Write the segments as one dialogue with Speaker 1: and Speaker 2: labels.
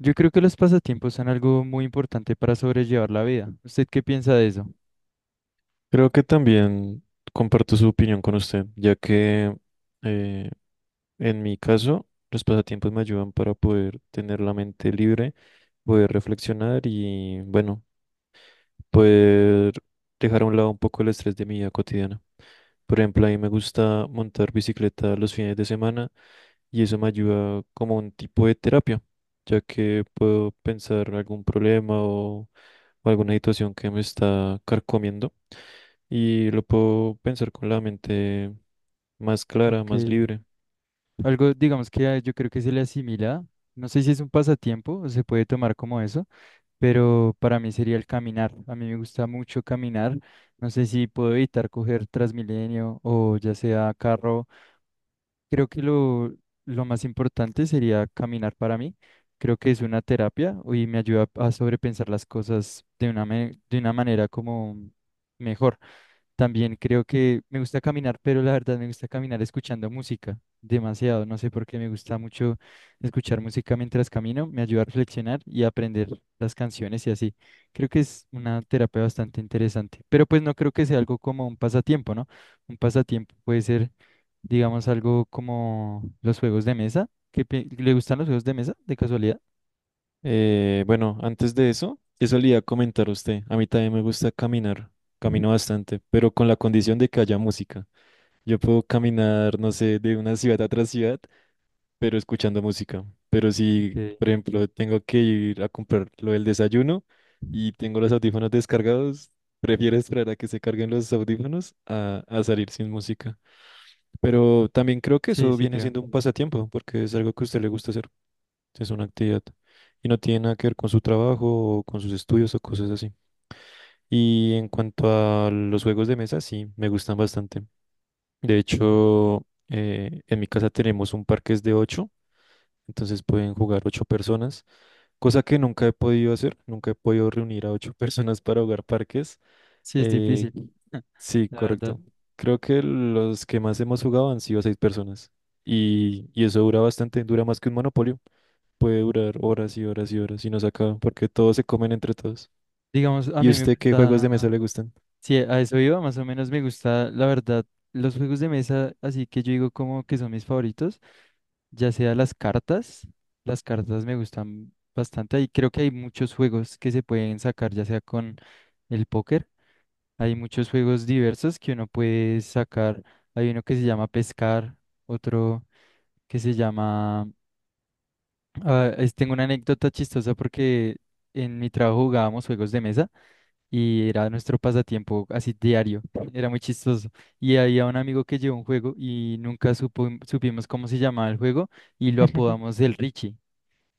Speaker 1: Yo creo que los pasatiempos son algo muy importante para sobrellevar la vida. ¿Usted qué piensa de eso?
Speaker 2: Creo que también comparto su opinión con usted, ya que eh, en mi caso los pasatiempos me ayudan para poder tener la mente libre, poder reflexionar y bueno, poder dejar a un lado un poco el estrés de mi vida cotidiana. Por ejemplo, a mí me gusta montar bicicleta los fines de semana y eso me ayuda como un tipo de terapia, ya que puedo pensar algún problema o alguna situación que me está carcomiendo y lo puedo pensar con la mente más clara,
Speaker 1: Ok.
Speaker 2: más libre.
Speaker 1: Algo, digamos que yo creo que se le asimila. No sé si es un pasatiempo o se puede tomar como eso, pero para mí sería el caminar. A mí me gusta mucho caminar. No sé si puedo evitar coger Transmilenio o ya sea carro. Creo que lo más importante sería caminar para mí. Creo que es una terapia y me ayuda a sobrepensar las cosas de una manera como mejor. También creo que me gusta caminar, pero la verdad me gusta caminar escuchando música demasiado. No sé por qué me gusta mucho escuchar música mientras camino. Me ayuda a reflexionar y a aprender las canciones y así. Creo que es una terapia bastante interesante. Pero pues no creo que sea algo como un pasatiempo, ¿no? Un pasatiempo puede ser, digamos, algo como los juegos de mesa. ¿Le gustan los juegos de mesa, de casualidad?
Speaker 2: Bueno, antes de eso, eso le iba a comentar a usted. A mí también me gusta caminar, camino bastante, pero con la condición de que haya música. Yo puedo caminar, no sé, de una ciudad a otra ciudad, pero escuchando música. Pero
Speaker 1: Ok.
Speaker 2: si, por ejemplo, tengo que ir a comprar lo del desayuno y tengo los audífonos descargados, prefiero esperar a que se carguen los audífonos a salir sin música. Pero también creo que
Speaker 1: Sí,
Speaker 2: eso
Speaker 1: sí
Speaker 2: viene
Speaker 1: creo.
Speaker 2: siendo un pasatiempo, porque es algo que a usted le gusta hacer, es una actividad. Y no tiene nada que ver con su trabajo o con sus estudios o cosas así. Y en cuanto a los juegos de mesa, sí, me gustan bastante. De hecho, en mi casa tenemos un parque es de ocho, entonces pueden jugar ocho personas, cosa que nunca he podido hacer, nunca he podido reunir a ocho personas para jugar parques.
Speaker 1: Sí, es
Speaker 2: Eh,
Speaker 1: difícil,
Speaker 2: sí,
Speaker 1: la verdad.
Speaker 2: correcto. Creo que los que más hemos jugado han sido seis personas y eso dura bastante, dura más que un monopolio. Puede durar horas y horas y horas y no se acaba porque todos se comen entre todos.
Speaker 1: Digamos, a
Speaker 2: ¿Y
Speaker 1: mí me
Speaker 2: usted qué juegos de mesa
Speaker 1: gusta.
Speaker 2: le gustan?
Speaker 1: Sí, a eso iba, más o menos me gusta, la verdad, los juegos de mesa, así que yo digo como que son mis favoritos, ya sea las cartas me gustan bastante y creo que hay muchos juegos que se pueden sacar, ya sea con el póker, hay muchos juegos diversos que uno puede sacar, hay uno que se llama pescar, otro que se llama, ah, tengo una anécdota chistosa porque en mi trabajo jugábamos juegos de mesa. Y era nuestro pasatiempo así diario. Era muy chistoso. Y había un amigo que llevó un juego y nunca supimos cómo se llamaba el juego y lo apodamos el Richie,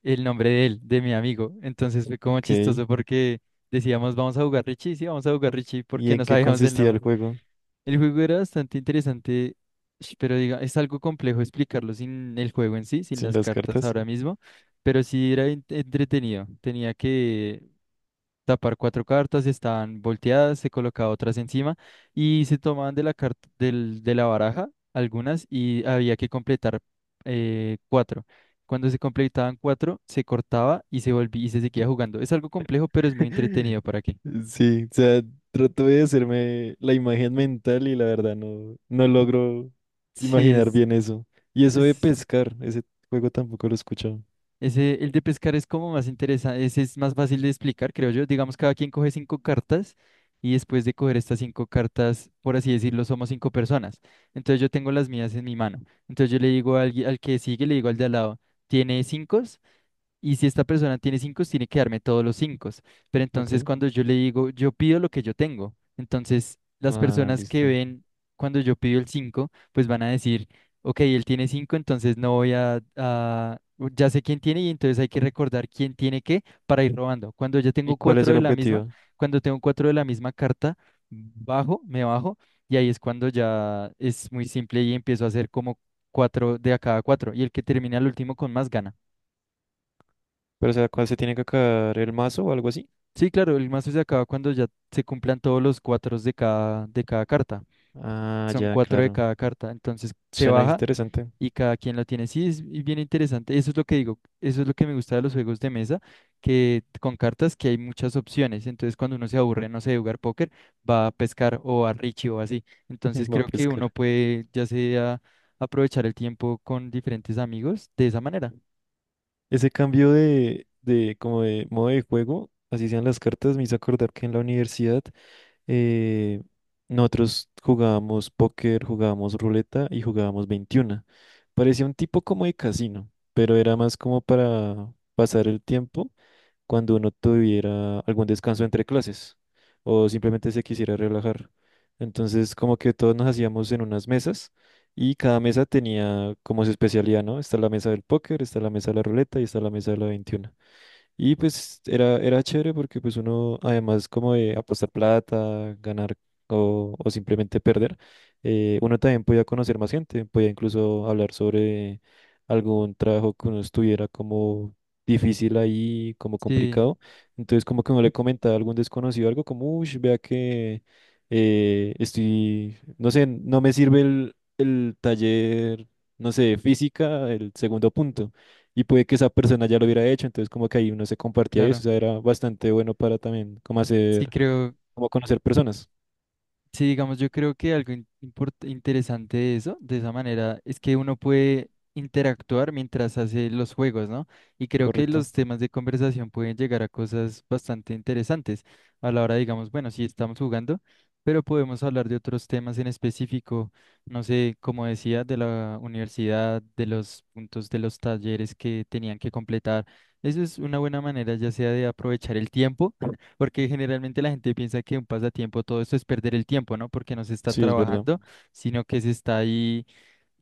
Speaker 1: el nombre de él, de mi amigo. Entonces fue como
Speaker 2: Ok.
Speaker 1: chistoso porque decíamos, vamos a jugar Richie, sí, vamos a jugar Richie
Speaker 2: ¿Y
Speaker 1: porque no
Speaker 2: en qué
Speaker 1: sabíamos el
Speaker 2: consistía el
Speaker 1: nombre.
Speaker 2: juego
Speaker 1: El juego era bastante interesante, pero diga, es algo complejo explicarlo sin el juego en sí, sin
Speaker 2: sin
Speaker 1: las
Speaker 2: las
Speaker 1: cartas
Speaker 2: cartas?
Speaker 1: ahora mismo, pero sí era entretenido. Tenía que tapar cuatro cartas, estaban volteadas, se colocaba otras encima y se tomaban de la de la baraja algunas y había que completar cuatro. Cuando se completaban cuatro, se cortaba y se volvía y se seguía jugando. Es algo complejo, pero es muy entretenido para qué.
Speaker 2: Sí, o sea, trato de hacerme la imagen mental y la verdad no, no logro
Speaker 1: Sí,
Speaker 2: imaginar bien eso. Y eso de
Speaker 1: es,
Speaker 2: pescar, ese juego tampoco lo he escuchado.
Speaker 1: ese, el de pescar es como más interesante, ese es más fácil de explicar, creo yo. Digamos, cada quien coge cinco cartas y después de coger estas cinco cartas, por así decirlo, somos cinco personas. Entonces yo tengo las mías en mi mano. Entonces yo le digo al que sigue, le digo al de al lado, ¿tiene cinco? Y si esta persona tiene cinco, tiene que darme todos los cinco. Pero
Speaker 2: Ok,
Speaker 1: entonces cuando yo le digo, yo pido lo que yo tengo, entonces las
Speaker 2: ah,
Speaker 1: personas que
Speaker 2: listo.
Speaker 1: ven cuando yo pido el cinco, pues van a decir, ok, él tiene cinco, entonces no voy ya sé quién tiene y entonces hay que recordar quién tiene qué para ir robando. Cuando ya tengo
Speaker 2: ¿Y cuál es
Speaker 1: cuatro
Speaker 2: el
Speaker 1: de la misma,
Speaker 2: objetivo?
Speaker 1: cuando tengo cuatro de la misma carta, bajo, me bajo y ahí es cuando ya es muy simple y empiezo a hacer como cuatro de a cada cuatro y el que termina el último con más gana.
Speaker 2: Pero, o sea, ¿cuál se tiene que acabar? ¿El mazo o algo así?
Speaker 1: Sí, claro, el mazo se acaba cuando ya se cumplan todos los cuatro de cada carta.
Speaker 2: Ah,
Speaker 1: Son
Speaker 2: ya,
Speaker 1: cuatro de
Speaker 2: claro.
Speaker 1: cada carta. Entonces se
Speaker 2: Suena
Speaker 1: baja
Speaker 2: interesante.
Speaker 1: y cada quien lo tiene. Sí, es y bien interesante. Eso es lo que digo. Eso es lo que me gusta de los juegos de mesa, que con cartas que hay muchas opciones. Entonces cuando uno se aburre, no sé, de jugar póker, va a pescar o a Richie o así. Entonces
Speaker 2: Va a
Speaker 1: creo que
Speaker 2: pescar.
Speaker 1: uno puede ya sea aprovechar el tiempo con diferentes amigos de esa manera.
Speaker 2: Ese cambio como de modo de juego, así sean las cartas, me hizo acordar que en la universidad eh, nosotros jugábamos póker, jugábamos ruleta y jugábamos 21. Parecía un tipo como de casino, pero era más como para pasar el tiempo cuando uno tuviera algún descanso entre clases o simplemente se quisiera relajar. Entonces, como que todos nos hacíamos en unas mesas y cada mesa tenía como su especialidad, ¿no? Está la mesa del póker, está la mesa de la ruleta y está la mesa de la 21. Y pues era chévere porque pues uno, además como de apostar plata, ganar o simplemente perder, uno también podía conocer más gente, podía incluso hablar sobre algún trabajo que uno estuviera como difícil ahí, como
Speaker 1: Sí,
Speaker 2: complicado. Entonces como que uno le comentaba a algún desconocido algo como, uy, vea que estoy, no sé, no me sirve el taller, no sé, de física, el segundo punto y puede que esa persona ya lo hubiera hecho, entonces como que ahí uno se compartía y eso,
Speaker 1: claro.
Speaker 2: o sea, era bastante bueno para también como
Speaker 1: Sí,
Speaker 2: hacer,
Speaker 1: creo.
Speaker 2: como conocer personas,
Speaker 1: Sí, digamos, yo creo que algo interesante de eso, de esa manera, es que uno puede interactuar mientras hace los juegos, ¿no? Y creo que
Speaker 2: ¿correcto?
Speaker 1: los temas de conversación pueden llegar a cosas bastante interesantes a la hora, digamos, bueno, sí estamos jugando, pero podemos hablar de otros temas en específico, no sé, como decía, de la universidad, de los puntos de los talleres que tenían que completar. Eso es una buena manera, ya sea de aprovechar el tiempo porque generalmente la gente piensa que un pasatiempo, todo esto es perder el tiempo, ¿no? Porque no se está
Speaker 2: Sí, es verdad.
Speaker 1: trabajando, sino que se está ahí,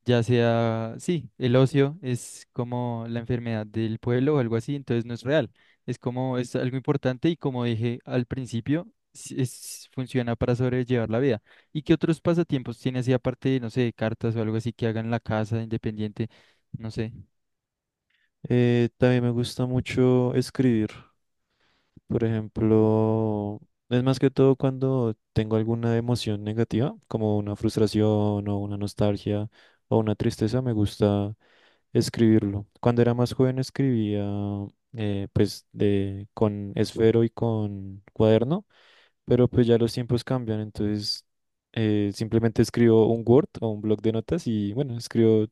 Speaker 1: ya sea, sí, el ocio es como la enfermedad del pueblo o algo así, entonces no es real. Es como, es algo importante y como dije al principio, funciona para sobrellevar la vida. ¿Y qué otros pasatiempos tiene así aparte de, no sé, cartas o algo así que hagan en la casa, independiente? No sé.
Speaker 2: También me gusta mucho escribir. Por ejemplo, es más que todo cuando tengo alguna emoción negativa, como una frustración o una nostalgia o una tristeza, me gusta escribirlo. Cuando era más joven escribía pues de, con esfero y con cuaderno, pero pues ya los tiempos cambian, entonces simplemente escribo un Word o un blog de notas y bueno, escribo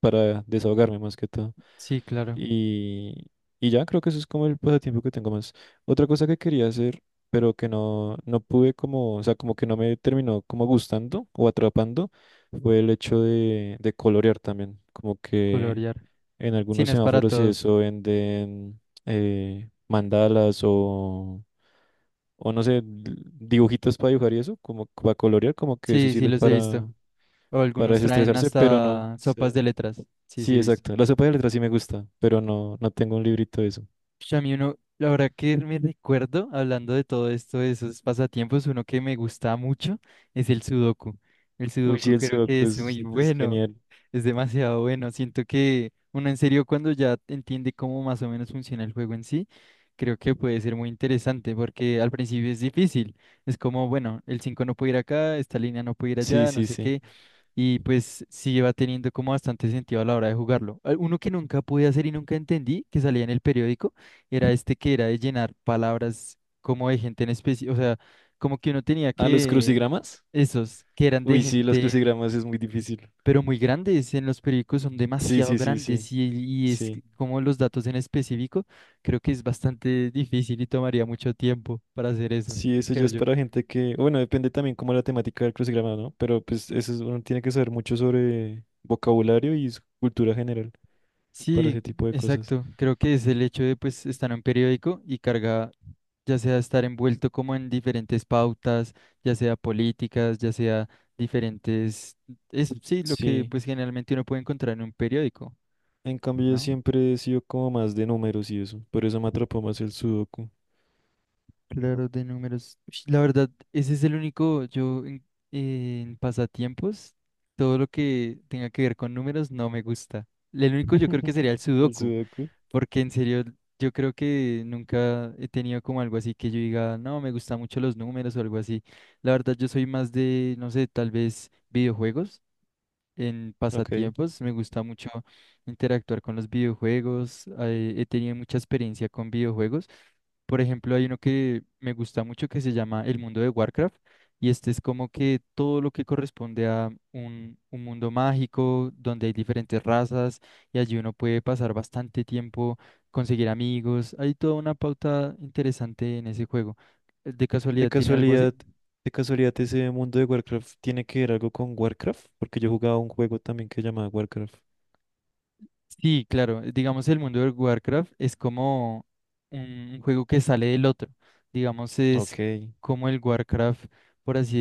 Speaker 2: para desahogarme más que todo.
Speaker 1: Sí, claro,
Speaker 2: Y, y ya creo que eso es como el pasatiempo que tengo más. Otra cosa que quería hacer, pero que no, no pude como, o sea, como que no me terminó como gustando o atrapando, fue el hecho de colorear también. Como que
Speaker 1: colorear.
Speaker 2: en
Speaker 1: Sí,
Speaker 2: algunos
Speaker 1: no es para
Speaker 2: semáforos y
Speaker 1: todos.
Speaker 2: eso venden mandalas o no sé, dibujitos para dibujar y eso, como para colorear, como que eso
Speaker 1: Sí, sí,
Speaker 2: sirve
Speaker 1: los he visto. O
Speaker 2: para
Speaker 1: algunos traen
Speaker 2: desestresarse, pero no. O
Speaker 1: hasta
Speaker 2: sea,
Speaker 1: sopas de letras. Sí, sí,
Speaker 2: sí,
Speaker 1: he visto.
Speaker 2: exacto. La sopa de letras sí me gusta, pero no, no tengo un librito de eso.
Speaker 1: Ush, a mí uno, la verdad que me recuerdo, hablando de todo esto, de esos pasatiempos, uno que me gusta mucho es el sudoku. El
Speaker 2: Uy, sí,
Speaker 1: sudoku
Speaker 2: el
Speaker 1: creo que
Speaker 2: sudoku
Speaker 1: es
Speaker 2: es,
Speaker 1: muy
Speaker 2: es
Speaker 1: bueno,
Speaker 2: genial.
Speaker 1: es demasiado bueno. Siento que uno en serio cuando ya entiende cómo más o menos funciona el juego en sí, creo que puede ser muy interesante porque al principio es difícil. Es como, bueno, el 5 no puede ir acá, esta línea no puede ir
Speaker 2: Sí,
Speaker 1: allá, no
Speaker 2: sí,
Speaker 1: sé
Speaker 2: sí.
Speaker 1: qué. Y pues sí va teniendo como bastante sentido a la hora de jugarlo. Uno que nunca pude hacer y nunca entendí, que salía en el periódico, era este que era de llenar palabras como de gente en especie, o sea, como que uno tenía
Speaker 2: ¿Ah, los
Speaker 1: que,
Speaker 2: crucigramas?
Speaker 1: esos, que eran de
Speaker 2: Uy, sí, los
Speaker 1: gente,
Speaker 2: crucigramas es muy difícil.
Speaker 1: pero muy grandes, en los periódicos son
Speaker 2: Sí,
Speaker 1: demasiado
Speaker 2: sí, sí,
Speaker 1: grandes
Speaker 2: sí,
Speaker 1: y es que
Speaker 2: sí.
Speaker 1: como los datos en específico, creo que es bastante difícil y tomaría mucho tiempo para hacer eso,
Speaker 2: Sí, eso ya
Speaker 1: creo
Speaker 2: es
Speaker 1: yo.
Speaker 2: para gente que, bueno, depende también como la temática del crucigrama, ¿no? Pero pues eso es- uno tiene que saber mucho sobre vocabulario y su cultura general para
Speaker 1: Sí,
Speaker 2: ese tipo de cosas.
Speaker 1: exacto. Creo que es el hecho de pues estar en un periódico y carga, ya sea estar envuelto como en diferentes pautas, ya sea políticas, ya sea diferentes, es sí lo que
Speaker 2: Sí.
Speaker 1: pues generalmente uno puede encontrar en un periódico,
Speaker 2: En cambio, yo
Speaker 1: ¿no?
Speaker 2: siempre he sido como más de números y eso. Por eso me atrapó más el sudoku.
Speaker 1: Claro, de números. Ush, la verdad, ese es el único, yo en pasatiempos, todo lo que tenga que ver con números no me gusta. El único yo creo que sería el
Speaker 2: El
Speaker 1: sudoku.
Speaker 2: sudoku.
Speaker 1: Porque en serio, yo creo que nunca he tenido como algo así que yo diga, no, me gustan mucho los números o algo así. La verdad, yo soy más de, no sé, tal vez videojuegos. En
Speaker 2: Ok.
Speaker 1: pasatiempos me gusta mucho interactuar con los videojuegos. He tenido mucha experiencia con videojuegos. Por ejemplo, hay uno que me gusta mucho que se llama El mundo de Warcraft y este es como que todo lo que corresponde a un mundo mágico donde hay diferentes razas y allí uno puede pasar bastante tiempo, conseguir amigos. Hay toda una pauta interesante en ese juego. ¿De
Speaker 2: De
Speaker 1: casualidad tiene algo así?
Speaker 2: casualidad, de casualidad ese mundo de Warcraft tiene que ver algo con Warcraft, porque yo jugaba un juego también que llamaba Warcraft.
Speaker 1: Sí, claro. Digamos, el mundo de Warcraft es como un juego que sale del otro. Digamos, es
Speaker 2: Ok.
Speaker 1: como el Warcraft, por así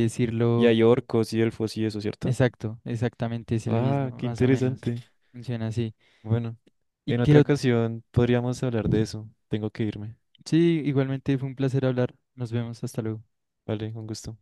Speaker 2: Y
Speaker 1: decirlo.
Speaker 2: hay orcos y elfos y eso, ¿cierto?
Speaker 1: Exacto, exactamente es el mismo,
Speaker 2: Ah, qué
Speaker 1: más o menos.
Speaker 2: interesante.
Speaker 1: Funciona así.
Speaker 2: Bueno,
Speaker 1: Y
Speaker 2: en otra
Speaker 1: que
Speaker 2: ocasión podríamos hablar de eso. Tengo que irme.
Speaker 1: sí, igualmente fue un placer hablar. Nos vemos, hasta luego.
Speaker 2: Vale, un gusto.